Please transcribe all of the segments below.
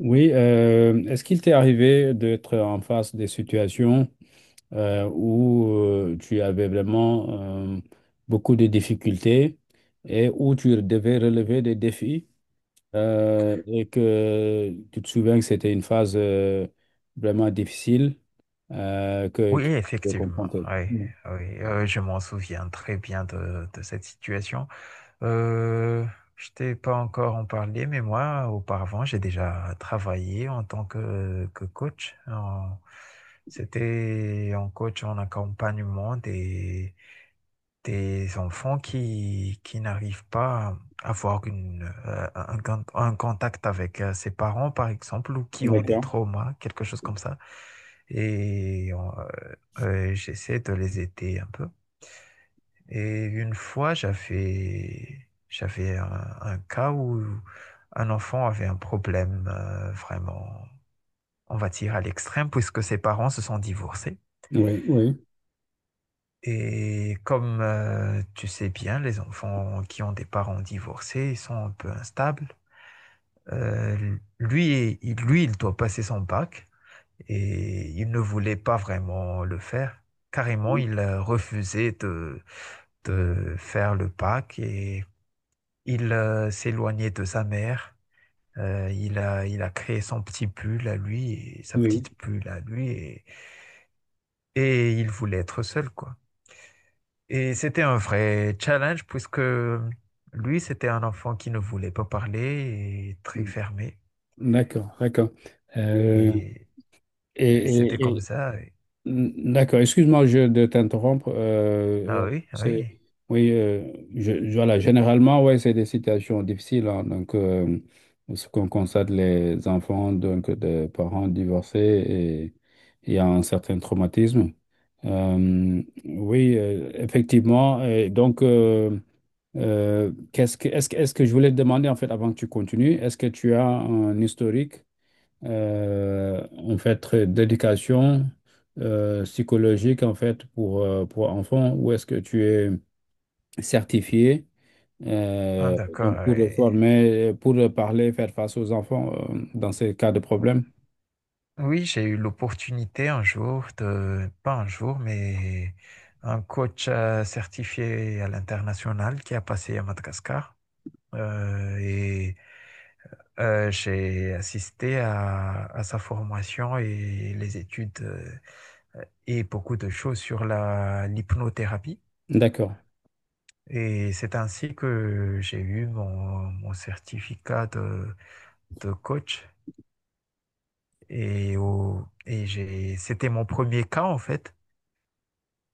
Oui, est-ce qu'il t'est arrivé d'être en face des situations où tu avais vraiment beaucoup de difficultés et où tu devais relever des défis et que tu te souviens que c'était une phase vraiment difficile que, Oui, que tu devais effectivement. confronter? Oui, Mm. oui, je m'en souviens très bien de cette situation. Euh, je t'ai pas encore en parlé, mais moi, auparavant, j'ai déjà travaillé en tant que coach. C'était en coach en accompagnement des enfants qui n'arrivent pas à avoir un contact avec ses parents, par exemple, ou qui ont des D'accord. traumas, quelque chose comme ça. Et euh, J'essaie de les aider un peu. Et une fois, j'avais un cas où un enfant avait un problème vraiment, on va dire, à l'extrême, puisque ses parents se sont divorcés. Oui, oui, Et comme tu sais bien, les enfants qui ont des parents divorcés, ils sont un peu instables. Lui, il doit passer son bac et il ne voulait pas vraiment le faire. Carrément, il refusait de faire le bac et il s'éloignait de sa mère. Il a créé son petit pull à lui et sa oui. petite pull à lui et il voulait être seul, quoi. Et c'était un vrai challenge puisque lui, c'était un enfant qui ne voulait pas parler et très Mm. fermé. D'accord, d'accord. Euh, Et c'était et, comme et- ça. Mm. D'accord, excuse-moi de t'interrompre. Ah oui, ah c'est, oui. oui, voilà, généralement, ouais, c'est des situations difficiles, hein. Donc, ce qu'on constate, les enfants donc, de parents divorcés, et il y a un certain traumatisme. Oui, effectivement. Et donc, qu'est-ce que, est-ce, que- est-ce que je voulais te demander, en fait, avant que tu continues, est-ce que tu as un historique? En fait, d'éducation psychologique, en fait, pour enfants, où est-ce que tu es certifié, Ah d'accord. donc Ah pour oui. former, pour parler, faire face aux enfants dans ces cas de Oh. problème. Oui, j'ai eu l'opportunité un jour de, pas un jour, mais un coach certifié à l'international qui a passé à Madagascar. Euh, et j'ai assisté à sa formation et les études. Et beaucoup de choses sur l'hypnothérapie. D'accord. Et c'est ainsi que j'ai eu mon, mon certificat de coach. Et j'ai, c'était mon premier cas, en fait,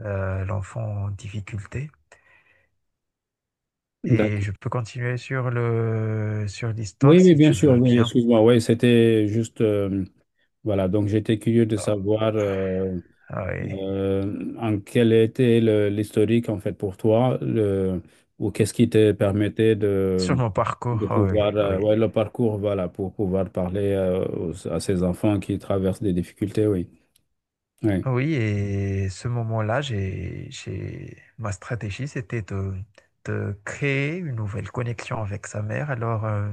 l'enfant en difficulté. Et D'accord. je peux continuer sur sur l'histoire Oui, oui, si bien tu sûr, veux oui, bien. excuse-moi, oui, c'était juste, voilà, donc j'étais curieux de Ah, savoir. Ah oui. En quel était l'historique, en fait, pour toi ou qu'est-ce qui te permettait Sur mon parcours, de ah oui, pouvoir ah oui. ouais, le parcours, voilà, pour pouvoir parler à ces enfants qui traversent des difficultés. Oui, oui, Oui, et ce moment-là, j'ai... Ma stratégie, c'était de créer une nouvelle connexion avec sa mère. Alors,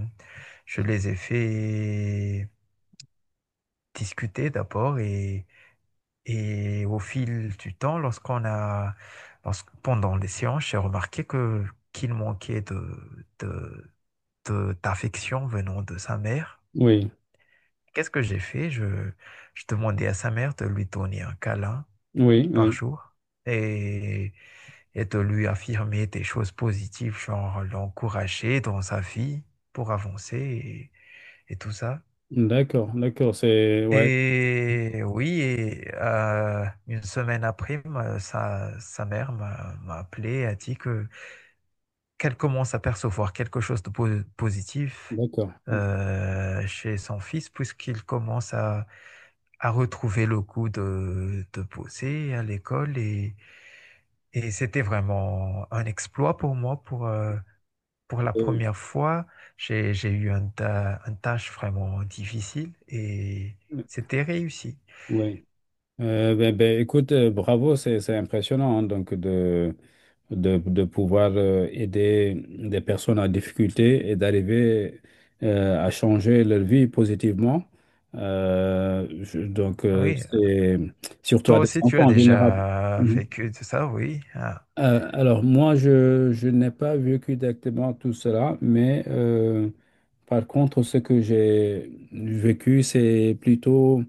je les ai fait discuter d'abord et au fil du temps, pendant les séances, j'ai remarqué que qu'il manquait d'affection venant de sa mère. oui, Qu'est-ce que j'ai fait? Je demandais à sa mère de lui donner un câlin oui, par oui. jour et, et de lui affirmer des choses positives, genre l'encourager dans sa vie pour avancer et tout ça. D'accord, d'accord, c'est, ouais. Et oui, et, une semaine après, sa mère m'a appelé et a dit que qu'elle commence à percevoir quelque chose de positif D'accord, d'accord. Chez son fils puisqu'il commence à retrouver le goût de bosser à l'école et c'était vraiment un exploit pour moi. Pour la Et- première fois, j'ai eu une tâche vraiment difficile et c'était réussi. oui. Écoute, bravo, c'est impressionnant, hein. Donc de pouvoir aider des personnes en difficulté et d'arriver à changer leur vie positivement. Donc, Ah oui, c'est surtout à toi des aussi tu as enfants vulnérables. déjà Mhm. vécu de ça, oui. Ah, Alors, moi, je n'ai pas vécu directement tout cela, mais par contre, ce que j'ai vécu, c'est plutôt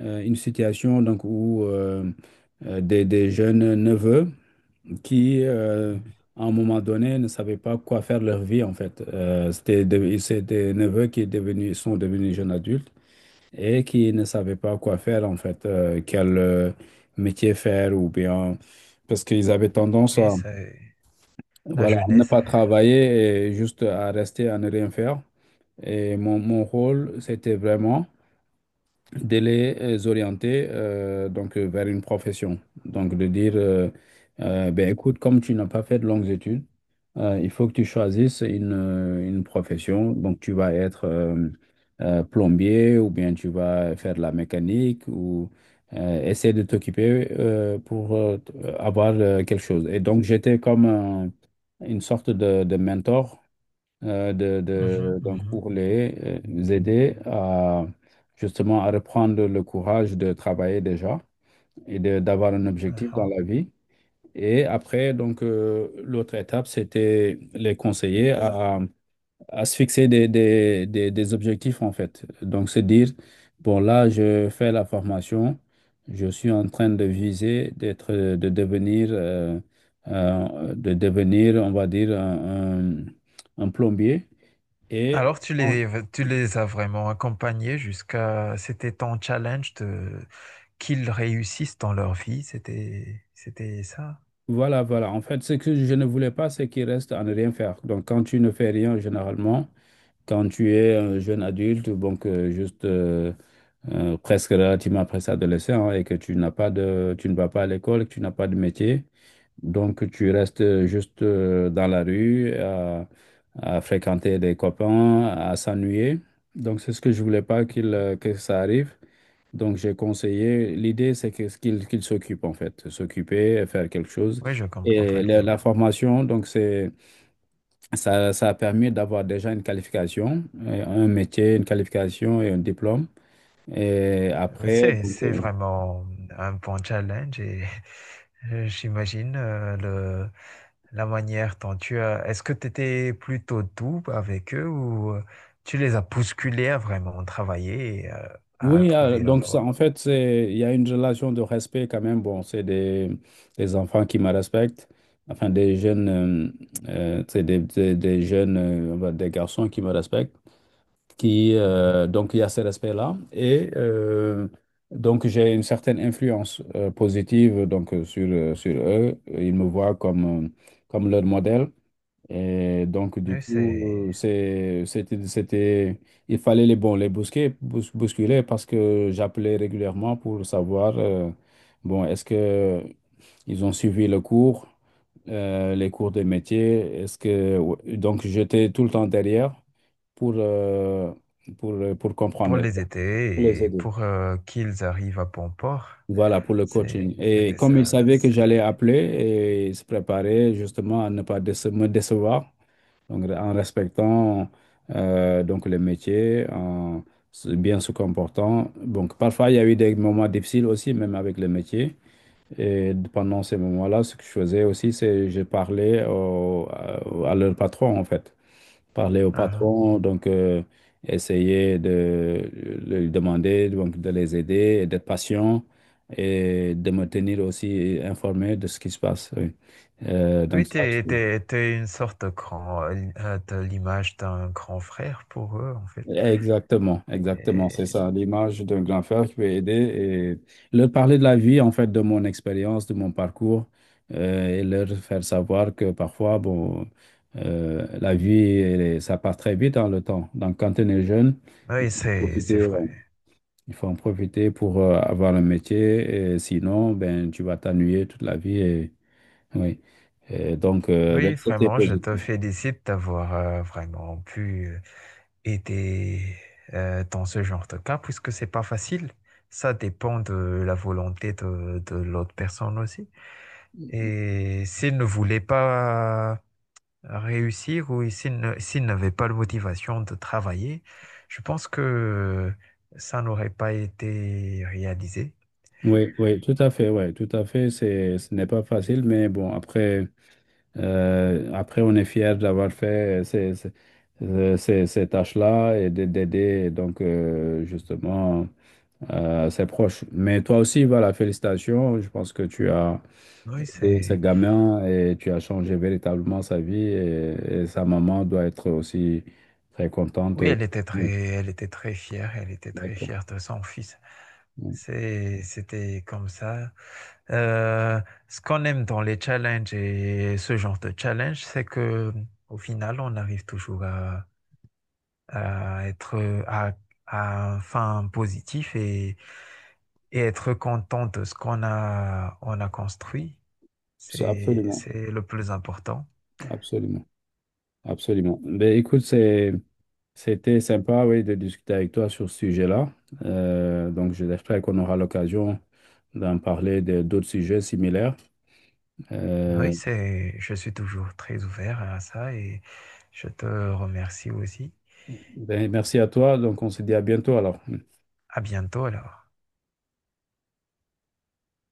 une situation donc, où des jeunes neveux qui, mm. à un moment donné, ne savaient pas quoi faire leur vie, en fait. C'est des neveux qui sont devenus jeunes adultes et qui ne savaient pas quoi faire, en fait, quel métier faire, ou bien... Parce qu'ils avaient tendance Oui, c'est la voilà, à ne jeunesse. pas travailler et juste à rester, à ne rien faire. Et mon rôle, c'était vraiment de les orienter, vers une profession. Donc de dire, ben, écoute, comme tu n'as pas fait de longues études, il faut que tu choisisses une profession. Donc tu vas être plombier, ou bien tu vas faire de la mécanique, ou essayer de t'occuper, avoir quelque chose. Et donc j'étais comme une sorte de mentor, Mhm, donc mhm. pour les aider à justement à reprendre le courage de travailler déjà et d'avoir un objectif dans Ah. la vie. Et après, donc, l'autre étape, c'était les conseiller à se fixer des objectifs, en fait. Donc, se dire, bon, là, je fais la formation, je suis en train de viser, de devenir, on va dire, un un plombier. Et Alors, en- tu les as vraiment accompagnés jusqu'à... C'était ton challenge de... qu'ils réussissent dans leur vie. C'était, c'était ça. voilà, voilà. En fait, ce que je ne voulais pas, c'est qu'il reste à ne rien faire. Donc, quand tu ne fais rien, généralement, quand tu es un jeune adulte, donc juste presque relativement presque adolescent, hein, et que tu n'as pas de, tu ne vas pas à l'école, que tu n'as pas de métier, donc tu restes juste dans la rue à fréquenter des copains, à s'ennuyer. Donc, c'est ce que je voulais pas que ça arrive. Donc, j'ai conseillé, l'idée, c'est que, qu'il s'occupe, en fait, s'occuper, faire quelque chose. Oui, je comprends très Et bien. la formation, donc, c'est, ça a permis d'avoir déjà une qualification, un métier, une qualification et un diplôme. Et après, donc, C'est vraiment un bon challenge et j'imagine la manière dont tu as... Est-ce que tu étais plutôt doux avec eux ou tu les as bousculés à vraiment travailler et à oui, trouver leur donc, ça, voie? en fait, c'est, il y a une relation de respect quand même. Bon, des enfants qui me respectent, enfin, des jeunes, c'est des jeunes, des garçons qui me respectent. Qui Mhm. Donc il y a ce respect-là, et donc j'ai une certaine influence positive sur eux. Ils me voient comme comme leur modèle, et donc, du Oui, coup, c'est... c'était, il fallait les, bon, les bousquer, bousculer, parce que j'appelais régulièrement pour savoir, bon, est-ce que ils ont suivi le cours, les cours de métier, donc, j'étais tout le temps derrière pour, pour Pour comprendre, et les pour les aider et aider. pour qu'ils arrivent à bon port. Voilà, pour le C'est- coaching. Et C'était comme ils ça. savaient que C'est... j'allais appeler, et ils se préparaient justement à ne pas me décevoir, donc, en respectant donc le métier, en bien se comportant. Donc, parfois, il y a eu des moments difficiles aussi, même avec le métier. Et pendant ces moments-là, ce que je faisais aussi, c'est je à leur patron, en fait. Parler au Ah, ah. patron, donc, essayer de lui demander donc, de les aider, et d'être patient, et de me tenir aussi informé de ce qui se passe. Oui. Euh, donc, Oui, ça, t'es une sorte de grand, de l'image d'un grand frère pour eux, en fait. Exactement, exactement, c'est Et- ça, l'image d'un grand frère qui peut aider et leur parler de la vie, en fait, de mon expérience, de mon parcours, et leur faire savoir que parfois, bon, la vie, ça part très vite dans le temps. Donc, quand on est jeune, il Oui, faut en c'est profiter, vrai. Il faut en profiter pour avoir un métier, et sinon, ben, tu vas t'ennuyer toute la vie. Et, oui. Et donc, ben, Oui, c'était vraiment, je te positif. félicite d'avoir vraiment pu aider dans ce genre de cas, puisque c'est pas facile. Ça dépend de la volonté de l'autre personne aussi. Et s'il ne voulait pas réussir ou s'il n'avait pas la motivation de travailler, je pense que ça n'aurait pas été réalisé. Oui, oui, tout à fait, ouais, tout à fait. C'est, ce n'est pas facile, mais bon, après, après, on est fier d'avoir fait ces tâches-là et d'aider, donc, justement, ses proches. Mais toi aussi, voilà, félicitations. Je pense que tu as Oui, aidé ce c'est, gamin et tu as changé véritablement sa vie, et sa maman doit être aussi très contente. oui, Et... Oui. elle était très fière, elle était très D'accord. fière de son fils. Oui. C'est, c'était comme ça. Euh, Ce qu'on aime dans les challenges et ce genre de challenge, c'est que au final, on arrive toujours à être à, à un fin positif et être content de ce qu'on a, on a construit. Absolument, C'est le plus important. absolument, absolument. Mais écoute, c'est. C'était sympa, oui, de discuter avec toi sur ce sujet-là. Donc, j'espère qu'on aura l'occasion d'en parler de d'autres sujets similaires. Oui, Euh, c'est, je suis toujours très ouvert à ça et je te remercie aussi. ben, merci à toi. Donc, on se dit à bientôt alors. À bientôt alors.